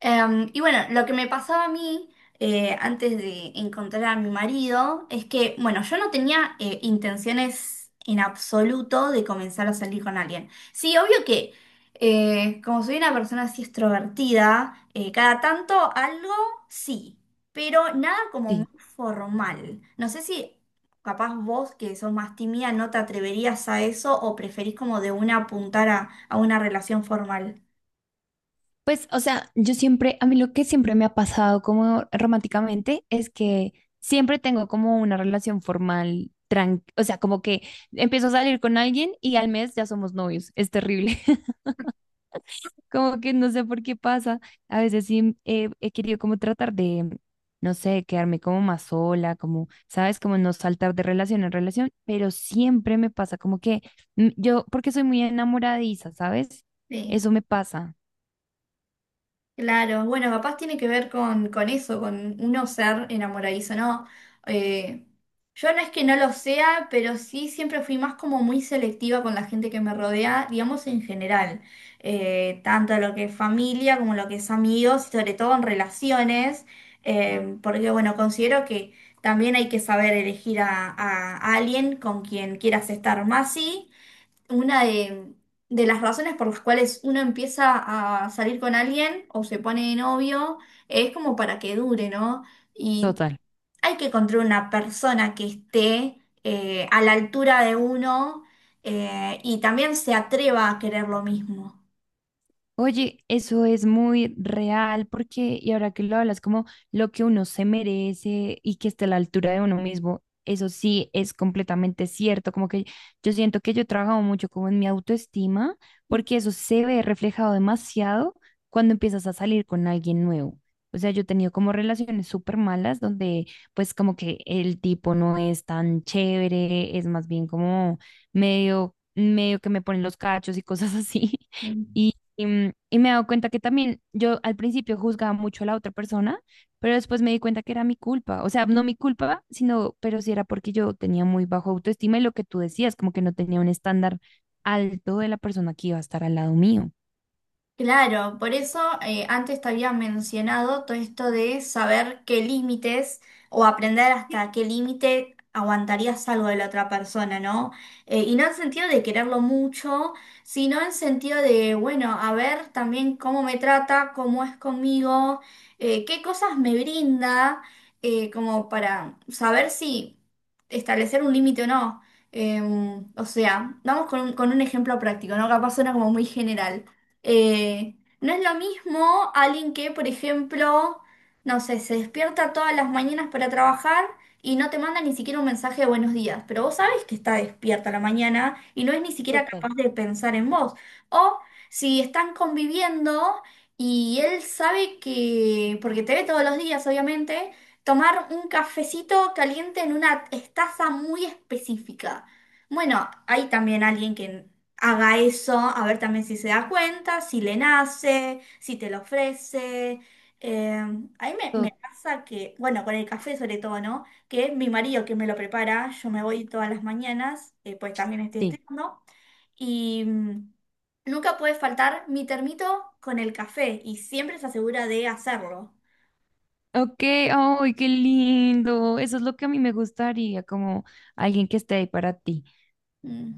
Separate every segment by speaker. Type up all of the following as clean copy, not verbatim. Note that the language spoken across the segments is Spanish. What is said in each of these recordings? Speaker 1: Y bueno, lo que me pasaba a mí antes de encontrar a mi marido es que, bueno, yo no tenía intenciones en absoluto de comenzar a salir con alguien. Sí, obvio que como soy una persona así extrovertida, cada tanto algo sí, pero nada como
Speaker 2: Sí,
Speaker 1: muy formal. No sé si capaz vos que sos más tímida no te atreverías a eso o preferís como de una apuntar a una relación formal.
Speaker 2: pues, o sea, yo siempre, a mí lo que siempre me ha pasado como románticamente es que siempre tengo como una relación formal, o sea, como que empiezo a salir con alguien y al mes ya somos novios, es terrible, como que no sé por qué pasa, a veces sí he querido como tratar de, no sé, quedarme como más sola, como, sabes, como no saltar de relación en relación, pero siempre me pasa como que yo, porque soy muy enamoradiza, ¿sabes?
Speaker 1: Sí.
Speaker 2: Eso me pasa.
Speaker 1: Claro, bueno, capaz tiene que ver con eso, con uno ser enamoradizo, ¿no? Eh, yo no es que no lo sea, pero sí siempre fui más como muy selectiva con la gente que me rodea, digamos en general. Tanto lo que es familia como lo que es amigos, y sobre todo en relaciones, porque bueno, considero que también hay que saber elegir a alguien con quien quieras estar más, sí una de las razones por las cuales uno empieza a salir con alguien o se pone de novio es como para que dure, ¿no? Y
Speaker 2: Total.
Speaker 1: hay que encontrar una persona que esté a la altura de uno y también se atreva a querer lo mismo.
Speaker 2: Oye, eso es muy real porque, y ahora que lo hablas, como lo que uno se merece y que esté a la altura de uno mismo, eso sí es completamente cierto. Como que yo siento que yo he trabajado mucho como en mi autoestima, porque eso se ve reflejado demasiado cuando empiezas a salir con alguien nuevo. O sea, yo he tenido como relaciones súper malas donde pues como que el tipo no es tan chévere, es más bien como medio, medio que me ponen los cachos y cosas así. Y, y me he dado cuenta que también yo al principio juzgaba mucho a la otra persona, pero después me di cuenta que era mi culpa. O sea, no mi culpa, sino, pero sí era porque yo tenía muy bajo autoestima y lo que tú decías, como que no tenía un estándar alto de la persona que iba a estar al lado mío.
Speaker 1: Claro, por eso antes te había mencionado todo esto de saber qué límites o aprender hasta qué límite aguantarías algo de la otra persona, ¿no? Y no en sentido de quererlo mucho, sino en sentido de, bueno, a ver también cómo me trata, cómo es conmigo, qué cosas me brinda, como para saber si establecer un límite o no. O sea, vamos con un ejemplo práctico, ¿no? Capaz suena como muy general. Eh, no es lo mismo alguien que, por ejemplo, no sé, se despierta todas las mañanas para trabajar y no te manda ni siquiera un mensaje de buenos días, pero vos sabés que está despierta a la mañana y no es ni siquiera
Speaker 2: Total,
Speaker 1: capaz de pensar en vos. O si están conviviendo y él sabe que, porque te ve todos los días, obviamente, tomar un cafecito caliente en una taza muy específica. Bueno, hay también alguien que haga eso, a ver también si se da cuenta, si le nace, si te lo ofrece. A mí me
Speaker 2: total,
Speaker 1: pasa que, bueno, con el café sobre todo, ¿no? Que mi marido que me lo prepara, yo me voy todas las mañanas, pues también estoy
Speaker 2: sí.
Speaker 1: estudiando, y nunca puede faltar mi termito con el café y siempre se asegura de hacerlo.
Speaker 2: Ok, ay, qué lindo. Eso es lo que a mí me gustaría, como alguien que esté ahí para ti.
Speaker 1: Mm.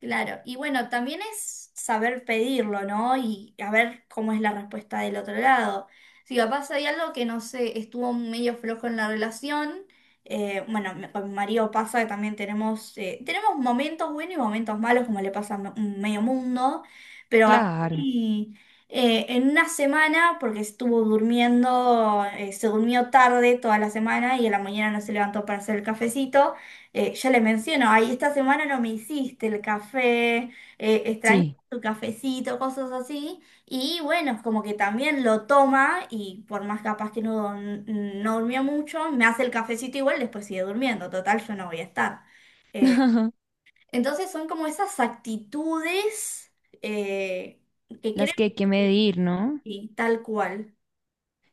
Speaker 1: Claro, y bueno, también es saber pedirlo, ¿no? Y a ver cómo es la respuesta del otro lado. Si capaz hay algo que no sé, estuvo medio flojo en la relación, bueno, con mi marido pasa que también tenemos, tenemos momentos buenos y momentos malos, como le pasa a un medio mundo, pero capaz
Speaker 2: Claro,
Speaker 1: y, en una semana, porque estuvo durmiendo, se durmió tarde toda la semana y a la mañana no se levantó para hacer el cafecito. Ya le menciono, ay, esta semana no me hiciste el café, extraño
Speaker 2: sí.
Speaker 1: tu cafecito, cosas así. Y bueno, es como que también lo toma y por más capaz que no, no durmió mucho, me hace el cafecito igual, después sigue durmiendo, total, yo no voy a estar. Eh, entonces son como esas actitudes eh, que creo
Speaker 2: Las que hay
Speaker 1: que
Speaker 2: que medir, ¿no?
Speaker 1: sí, tal cual.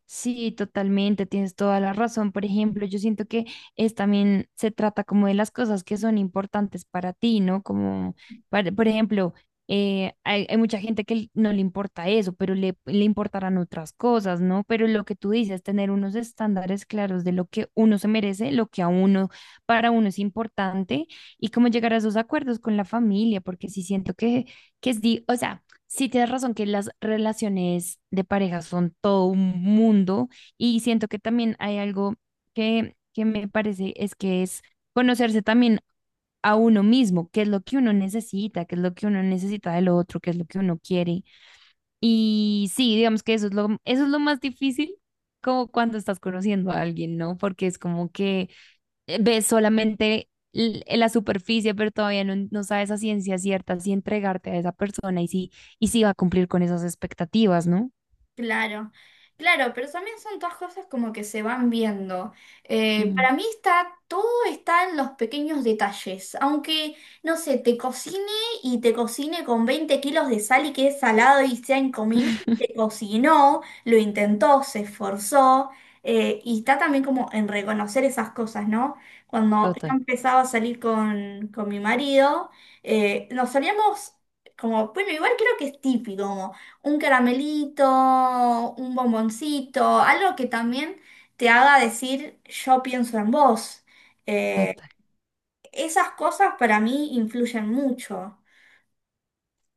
Speaker 2: Sí, totalmente, tienes toda la razón. Por ejemplo, yo siento que es también se trata como de las cosas que son importantes para ti, ¿no? Como, por ejemplo, hay, hay mucha gente que no le importa eso, pero le importarán otras cosas, ¿no? Pero lo que tú dices, tener unos estándares claros de lo que uno se merece, lo que a uno, para uno es importante y cómo llegar a esos acuerdos con la familia, porque sí siento que es, o sea. Sí, tienes razón que las relaciones de pareja son todo un mundo y siento que también hay algo que me parece es que es conocerse también a uno mismo, qué es lo que uno necesita, qué es lo que uno necesita del otro, qué es lo que uno quiere. Y sí, digamos que eso es lo más difícil como cuando estás conociendo a alguien, ¿no? Porque es como que ves solamente la superficie, pero todavía no, no sabes a ciencia cierta si entregarte a esa persona y si va a cumplir con esas expectativas, ¿no?
Speaker 1: Claro, claro, pero también son todas cosas como que se van viendo. Eh,
Speaker 2: Mm.
Speaker 1: para mí todo está en los pequeños detalles. Aunque, no sé, te cocine y te cocine con 20 kilos de sal y que es salado y sea incomible, te cocinó, lo intentó, se esforzó. Y está también como en reconocer esas cosas, ¿no? Cuando yo
Speaker 2: Total,
Speaker 1: empezaba a salir con mi marido, nos salíamos como, bueno, igual creo que es típico un caramelito, un bomboncito, algo que también te haga decir yo pienso en vos. Eh,
Speaker 2: total.
Speaker 1: esas cosas para mí influyen mucho.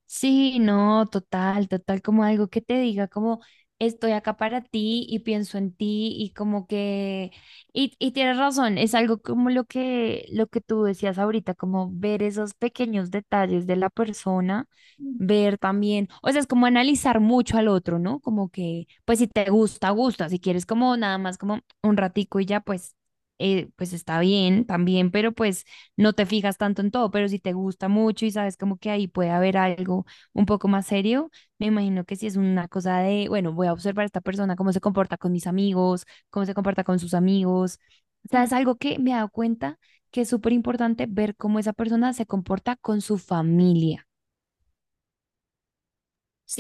Speaker 2: Sí, no, total, total, como algo que te diga, como estoy acá para ti y pienso en ti y como que, y tienes razón, es algo como lo que tú decías ahorita, como ver esos pequeños detalles de la persona,
Speaker 1: Mm,
Speaker 2: ver también, o sea, es como analizar mucho al otro, ¿no? Como que, pues si te gusta, gusta, si quieres como nada más como un ratico y ya, pues, pues está bien también, pero pues no te fijas tanto en todo, pero si te gusta mucho y sabes como que ahí puede haber algo un poco más serio, me imagino que si es una cosa de, bueno, voy a observar a esta persona, cómo se comporta con mis amigos, cómo se comporta con sus amigos. O sea,
Speaker 1: mm,
Speaker 2: es algo que me he dado cuenta que es súper importante ver cómo esa persona se comporta con su familia.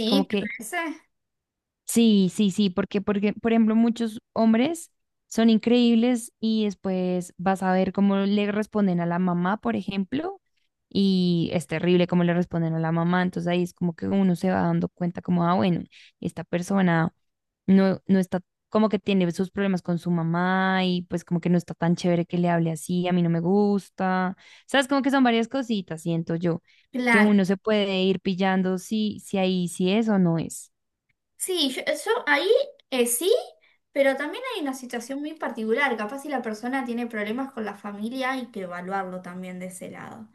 Speaker 2: Como que
Speaker 1: parece.
Speaker 2: sí, sí, sí, porque, porque, por ejemplo, muchos hombres son increíbles y después vas a ver cómo le responden a la mamá, por ejemplo, y es terrible cómo le responden a la mamá, entonces ahí es como que uno se va dando cuenta como, ah, bueno, esta persona no, no está, como que tiene sus problemas con su mamá y pues como que no está tan chévere que le hable así, a mí no me gusta, sabes, como que son varias cositas, siento yo, que
Speaker 1: Claro.
Speaker 2: uno se puede ir pillando si, si ahí sí es o no es.
Speaker 1: Sí, yo ahí sí, pero también hay una situación muy particular. Capaz si la persona tiene problemas con la familia, hay que evaluarlo también de ese lado.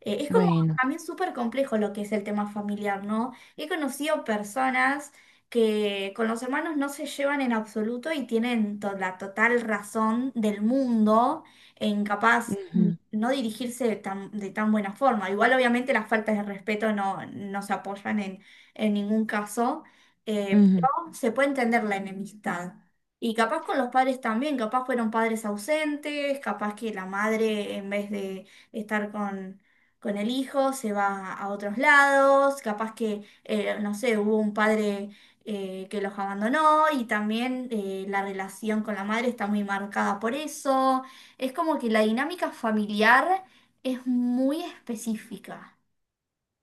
Speaker 1: Es como
Speaker 2: Bueno.
Speaker 1: también súper complejo lo que es el tema familiar, ¿no? He conocido personas que con los hermanos no se llevan en absoluto y tienen la total razón del mundo en capaz
Speaker 2: Ujú,
Speaker 1: no dirigirse de tan buena forma. Igual obviamente las faltas de respeto no, no se apoyan en ningún caso pero
Speaker 2: ujú.
Speaker 1: se puede entender la enemistad. Y capaz con los padres también, capaz fueron padres ausentes, capaz que la madre en vez de estar con el hijo se va a otros lados, capaz que, no sé, hubo un padre que los abandonó y también la relación con la madre está muy marcada por eso. Es como que la dinámica familiar es muy específica.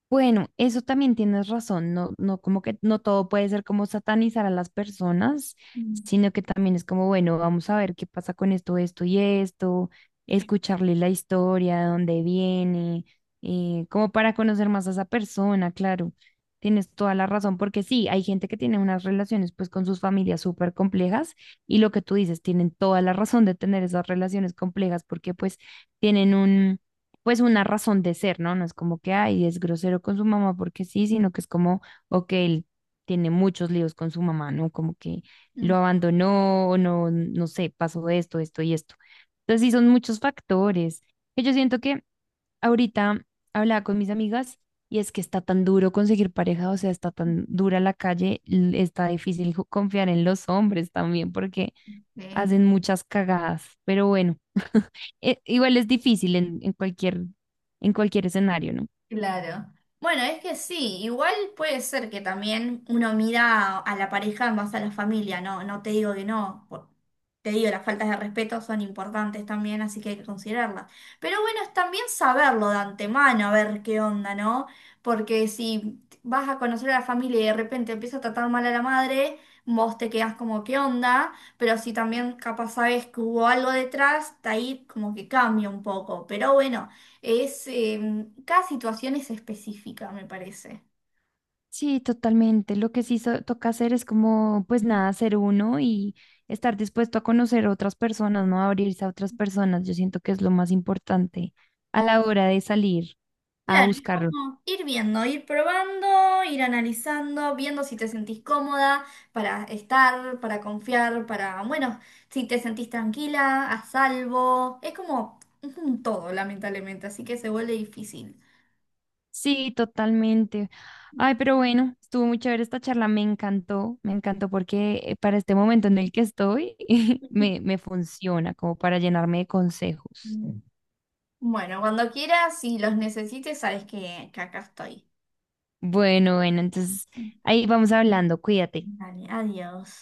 Speaker 2: Bueno, eso también tienes razón, no, no, como que no todo puede ser como satanizar a las personas,
Speaker 1: Mm.
Speaker 2: sino que también es como, bueno, vamos a ver qué pasa con esto, esto y esto, escucharle la historia, de dónde viene, como para conocer más a esa persona, claro, tienes toda la razón, porque sí, hay gente que tiene unas relaciones pues con sus familias súper complejas y lo que tú dices, tienen toda la razón de tener esas relaciones complejas porque pues tienen un pues una razón de ser, ¿no? No es como que, ay, es grosero con su mamá porque sí, sino que es como, ok, él tiene muchos líos con su mamá, ¿no? Como que lo abandonó, o no, no sé, pasó esto, esto y esto. Entonces sí, son muchos factores que yo siento que ahorita hablaba con mis amigas y es que está tan duro conseguir pareja, o sea, está tan dura la calle, está difícil confiar en los hombres también porque
Speaker 1: Mm.
Speaker 2: hacen muchas cagadas, pero bueno igual es difícil en cualquier escenario, ¿no?
Speaker 1: Claro. Bueno, es que sí, igual puede ser que también uno mira a la pareja más a la familia, no, no te digo que no, te digo, las faltas de respeto son importantes también, así que hay que considerarlas. Pero bueno, es también saberlo de antemano, a ver qué onda, ¿no? Porque si vas a conocer a la familia y de repente empieza a tratar mal a la madre, vos te quedás como qué onda, pero si también capaz sabes que hubo algo detrás, de ahí como que cambia un poco. Pero bueno. Cada situación es específica, me parece.
Speaker 2: Sí, totalmente. Lo que sí toca hacer es como, pues nada, ser uno y estar dispuesto a conocer otras personas, ¿no? Abrirse a otras personas. Yo siento que es lo más importante a la hora de salir a
Speaker 1: Claro, es
Speaker 2: buscarlo.
Speaker 1: como ir viendo, ir probando, ir analizando, viendo si te sentís cómoda para estar, para confiar, para, bueno, si te sentís tranquila, a salvo. Es como un todo, lamentablemente, así que se vuelve difícil.
Speaker 2: Sí, totalmente. Ay, pero bueno, estuvo muy chévere esta charla. Me encantó porque para este momento en el que estoy, me funciona como para llenarme de consejos.
Speaker 1: Mm. Bueno, cuando quieras, si los necesites, sabes que acá estoy.
Speaker 2: Bueno, bueno, entonces ahí vamos hablando, cuídate.
Speaker 1: Dale, adiós.